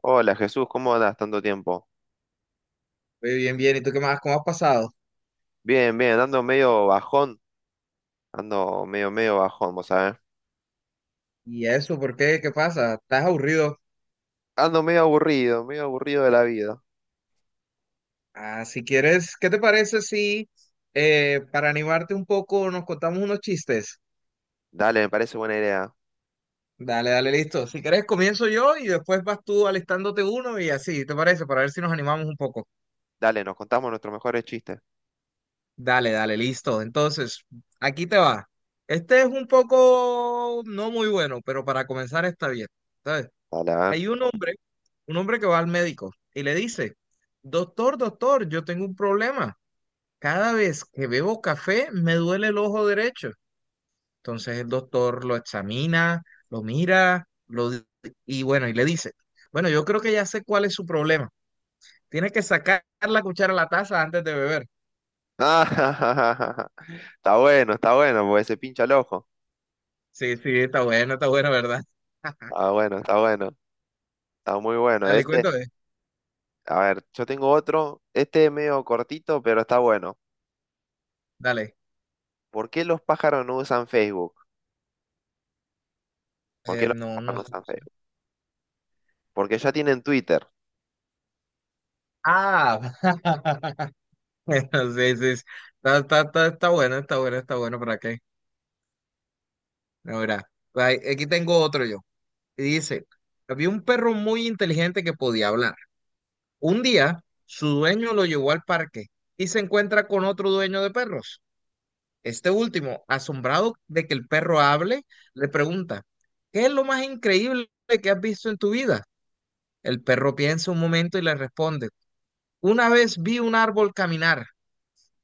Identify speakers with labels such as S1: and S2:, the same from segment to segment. S1: Hola Jesús, ¿cómo andas tanto tiempo?
S2: Muy bien, bien. ¿Y tú qué más? ¿Cómo has pasado?
S1: Bien, bien, ando medio bajón, ando medio bajón, vos sabés.
S2: ¿Y eso? ¿Por qué? ¿Qué pasa? ¿Estás aburrido?
S1: Ando medio aburrido de la vida.
S2: Ah, si quieres, ¿qué te parece si para animarte un poco nos contamos unos chistes?
S1: Dale, me parece buena idea.
S2: Dale, dale, listo. Si quieres, comienzo yo y después vas tú alistándote uno y así, ¿te parece? Para ver si nos animamos un poco.
S1: Dale, nos contamos nuestros mejores chistes.
S2: Dale, dale, listo. Entonces, aquí te va. Este es un poco no muy bueno, pero para comenzar está bien. ¿Sabes?
S1: Dale, a ver.
S2: Hay un hombre que va al médico y le dice, doctor, doctor, yo tengo un problema. Cada vez que bebo café me duele el ojo derecho. Entonces el doctor lo examina, lo mira, y bueno, y le dice, bueno, yo creo que ya sé cuál es su problema. Tiene que sacar la cuchara a la taza antes de beber.
S1: Ah, está bueno, porque se pincha el ojo.
S2: Sí, sí, está bueno, ¿verdad?
S1: Está bueno, está bueno, está muy bueno.
S2: Dale, cuéntame.
S1: A ver, yo tengo otro, este es medio cortito, pero está bueno.
S2: Dale.
S1: ¿Por qué los pájaros no usan Facebook? ¿Por qué los
S2: No, no
S1: pájaros no
S2: sé.
S1: usan Facebook? Porque ya tienen Twitter.
S2: Ah, bueno, sí, sí. Sí. Está, está, está, está bueno, está bueno, está bueno, ¿para qué? No, mira, aquí tengo otro yo. Y dice, había un perro muy inteligente que podía hablar. Un día, su dueño lo llevó al parque y se encuentra con otro dueño de perros. Este último, asombrado de que el perro hable, le pregunta, ¿qué es lo más increíble que has visto en tu vida? El perro piensa un momento y le responde, una vez vi un árbol caminar.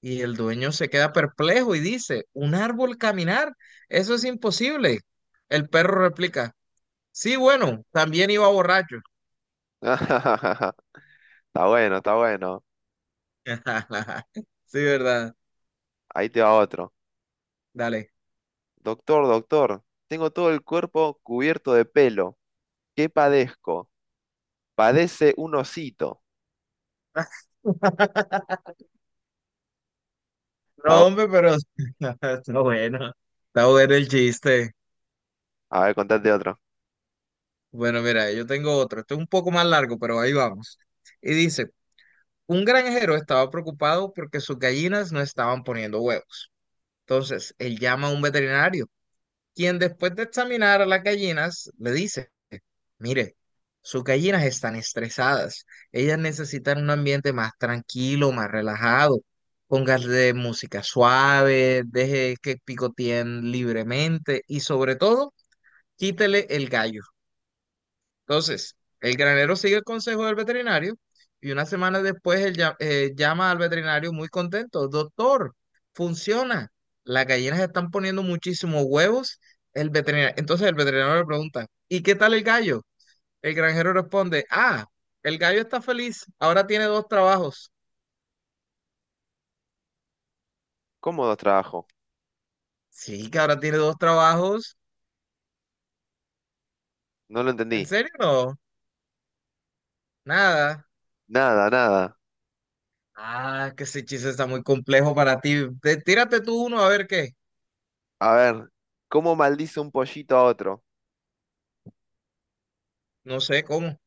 S2: Y el dueño se queda perplejo y dice, ¿un árbol caminar? Eso es imposible. El perro replica, sí, bueno, también iba borracho.
S1: Está bueno, está bueno.
S2: Sí, verdad.
S1: Ahí te va otro.
S2: Dale.
S1: Doctor, doctor, tengo todo el cuerpo cubierto de pelo. ¿Qué padezco? Padece un osito. A ver,
S2: No, hombre, pero está bueno. Está bueno el chiste.
S1: a ver, contate otro.
S2: Bueno, mira, yo tengo otro. Esto es un poco más largo, pero ahí vamos. Y dice, un granjero estaba preocupado porque sus gallinas no estaban poniendo huevos. Entonces, él llama a un veterinario, quien después de examinar a las gallinas le dice, mire, sus gallinas están estresadas, ellas necesitan un ambiente más tranquilo, más relajado, póngale música suave, deje que picoteen libremente y sobre todo, quítele el gallo. Entonces, el granero sigue el consejo del veterinario y una semana después llama al veterinario muy contento. Doctor, funciona. Las gallinas están poniendo muchísimos huevos. Entonces el veterinario le pregunta, ¿y qué tal el gallo? El granjero responde, ah, el gallo está feliz. Ahora tiene dos trabajos.
S1: ¿Cómo dos trabajo?
S2: Sí, que ahora tiene dos trabajos.
S1: No lo entendí.
S2: ¿En serio? No, nada.
S1: Nada, nada.
S2: Ah, que ese chiste está muy complejo para ti. Tírate tú uno a ver qué.
S1: A ver, ¿cómo maldice un pollito a otro?
S2: No sé cómo.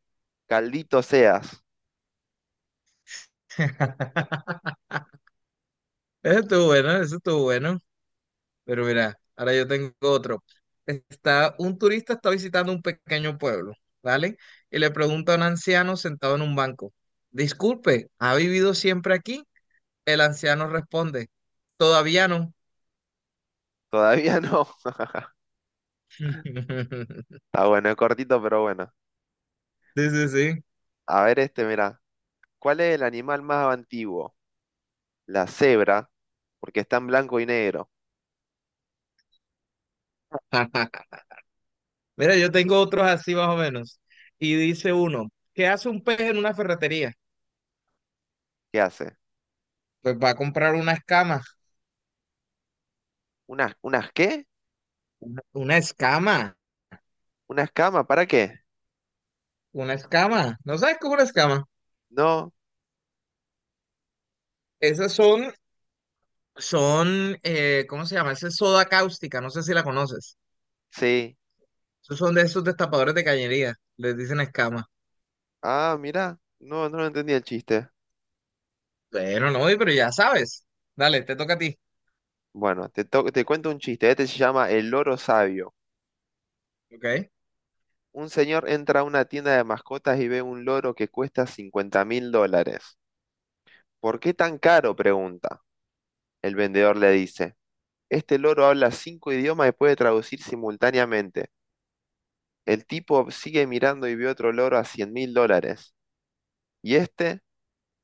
S1: Caldito seas.
S2: Eso estuvo bueno, eso estuvo bueno. Pero mira, ahora yo tengo otro. Está, un turista está visitando un pequeño pueblo, ¿vale? Y le pregunta a un anciano sentado en un banco, disculpe, ¿ha vivido siempre aquí? El anciano responde, todavía no.
S1: Todavía no. Está bueno, es cortito, pero bueno.
S2: Sí, sí, sí.
S1: A ver este, mirá. ¿Cuál es el animal más antiguo? La cebra, porque está en blanco y negro.
S2: Mira, yo tengo otros así más o menos. Y dice uno, ¿qué hace un pez en una ferretería?
S1: ¿Qué hace?
S2: Pues va a comprar una escama.
S1: ¿Unas, unas qué?
S2: Una escama.
S1: ¿Unas camas? ¿Para qué?
S2: Una escama. ¿No sabes cómo una escama?
S1: No,
S2: Esas son Son, ¿cómo se llama? Esa es soda cáustica, no sé si la conoces.
S1: sí.
S2: Esos son de esos destapadores de cañería, les dicen escama.
S1: Ah, mira, no, no lo entendí el chiste.
S2: Bueno, no, pero ya sabes. Dale, te toca a ti.
S1: Bueno, te cuento un chiste. Este se llama El loro sabio.
S2: ¿Ok?
S1: Un señor entra a una tienda de mascotas y ve un loro que cuesta $50,000. ¿Por qué tan caro? Pregunta. El vendedor le dice, este loro habla cinco idiomas y puede traducir simultáneamente. El tipo sigue mirando y ve otro loro a $100,000. Y este,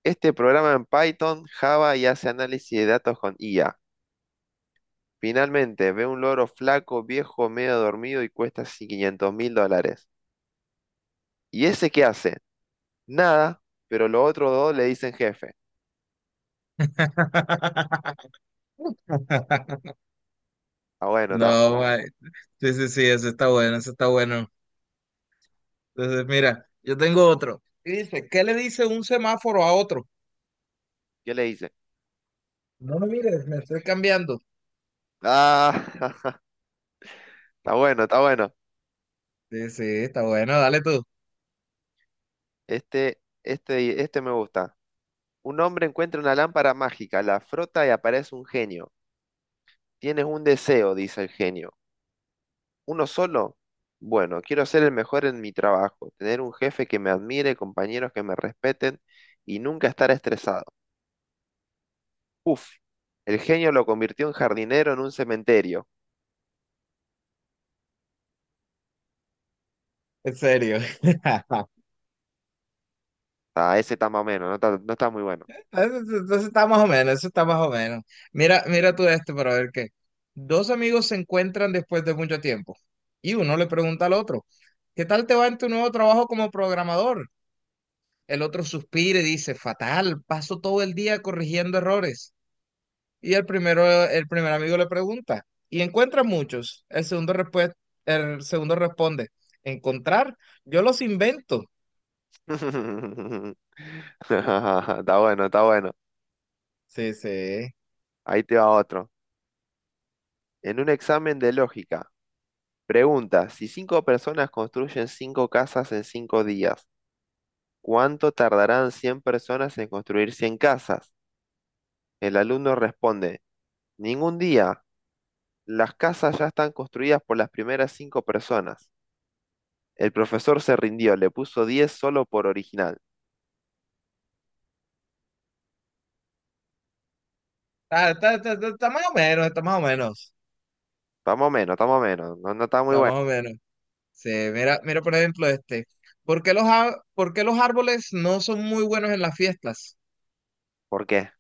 S1: este programa en Python, Java y hace análisis de datos con IA. Finalmente ve un loro flaco, viejo, medio dormido y cuesta 500 mil dólares. ¿Y ese qué hace? Nada, pero los otros dos le dicen jefe. Está bueno, está bueno.
S2: No, mae. Sí, sí, sí, eso está bueno, eso está bueno. Entonces, mira, yo tengo otro. Y dice, ¿qué le dice un semáforo a otro?
S1: ¿Qué le dice?
S2: No me mires, me estoy cambiando.
S1: Ah, está bueno, está bueno.
S2: Sí, sí, está bueno, dale tú.
S1: Este me gusta. Un hombre encuentra una lámpara mágica, la frota y aparece un genio. Tienes un deseo, dice el genio. ¿Uno solo? Bueno, quiero ser el mejor en mi trabajo, tener un jefe que me admire, compañeros que me respeten y nunca estar estresado. Uf, el genio lo convirtió en jardinero en un cementerio.
S2: En serio.
S1: Ah, ese está más o menos, no está muy bueno.
S2: Entonces está más o menos, eso está más o menos. Mira, mira tú este para ver qué. Dos amigos se encuentran después de mucho tiempo y uno le pregunta al otro, ¿qué tal te va en tu nuevo trabajo como programador? El otro suspira y dice, fatal, paso todo el día corrigiendo errores. Y el primero, el primer amigo le pregunta, ¿y encuentras muchos? El segundo responde, ¿encontrar? Yo los invento.
S1: Está bueno, está bueno.
S2: Sí, sí.
S1: Ahí te va otro. En un examen de lógica, pregunta, si cinco personas construyen cinco casas en cinco días, ¿cuánto tardarán 100 personas en construir 100 casas? El alumno responde, ningún día. Las casas ya están construidas por las primeras cinco personas. El profesor se rindió, le puso 10 solo por original.
S2: Está, está, está, está está más o menos, está más o menos,
S1: Está menos, está menos. No, no está muy
S2: está
S1: bueno.
S2: más o menos. Sí, mira, mira por ejemplo este. ¿Por qué los árboles no son muy buenos en las fiestas?
S1: ¿Por qué?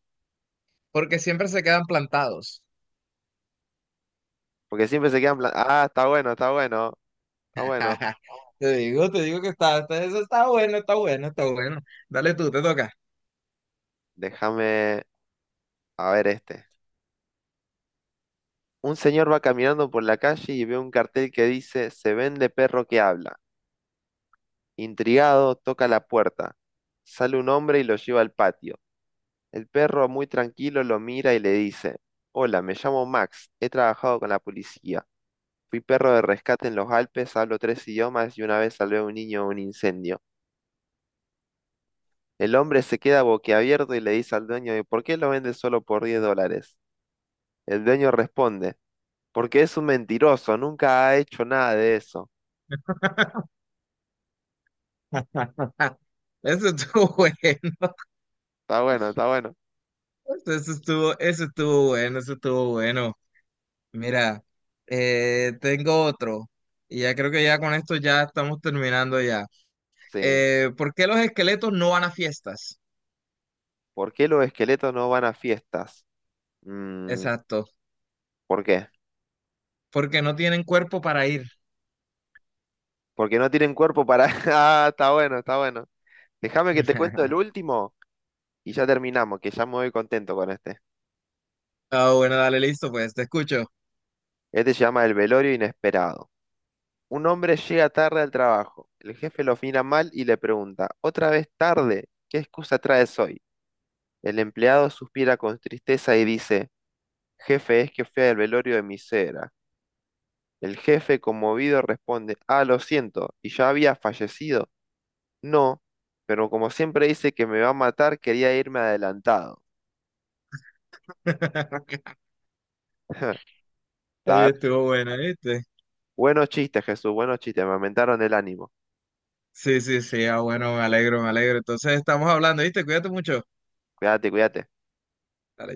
S2: Porque siempre se quedan plantados.
S1: Porque siempre se quedan plan... Ah, está bueno, está bueno, está bueno.
S2: Te digo que eso está bueno, está bueno, está bueno. Dale tú, te toca.
S1: Déjame... A ver este. Un señor va caminando por la calle y ve un cartel que dice Se vende perro que habla. Intrigado, toca la puerta. Sale un hombre y lo lleva al patio. El perro muy tranquilo lo mira y le dice Hola, me llamo Max. He trabajado con la policía. Fui perro de rescate en los Alpes, hablo tres idiomas y una vez salvé a un niño de un incendio. El hombre se queda boquiabierto y le dice al dueño, ¿y por qué lo vende solo por $10? El dueño responde, porque es un mentiroso, nunca ha hecho nada de eso.
S2: Eso estuvo bueno.
S1: Está bueno, está bueno.
S2: Eso estuvo bueno, eso estuvo bueno. Mira, tengo otro. Y ya creo que ya con esto ya estamos terminando ya.
S1: Sí.
S2: ¿Por qué los esqueletos no van a fiestas?
S1: ¿Por qué los esqueletos no van a fiestas? Mm,
S2: Exacto.
S1: ¿por qué?
S2: Porque no tienen cuerpo para ir.
S1: Porque no tienen cuerpo para... Ah, está bueno, está bueno. Déjame que te cuento el último y ya terminamos, que ya me voy contento con este.
S2: Ah, bueno, dale, listo, pues te escucho.
S1: Este se llama El velorio inesperado. Un hombre llega tarde al trabajo. El jefe lo mira mal y le pregunta, ¿Otra vez tarde? ¿Qué excusa traes hoy? El empleado suspira con tristeza y dice, Jefe, es que fui al velorio de mi suegra. El jefe, conmovido, responde, Ah, lo siento, ¿y ya había fallecido? No, pero como siempre dice que me va a matar, quería irme adelantado. La
S2: Ahí
S1: verdad,
S2: estuvo buena, ¿viste?
S1: buenos chistes, Jesús, buenos chistes, me aumentaron el ánimo.
S2: Sí, sí, sí, ah, bueno, me alegro, me alegro. Entonces estamos hablando, ¿viste? Cuídate mucho.
S1: Cuídate, cuídate.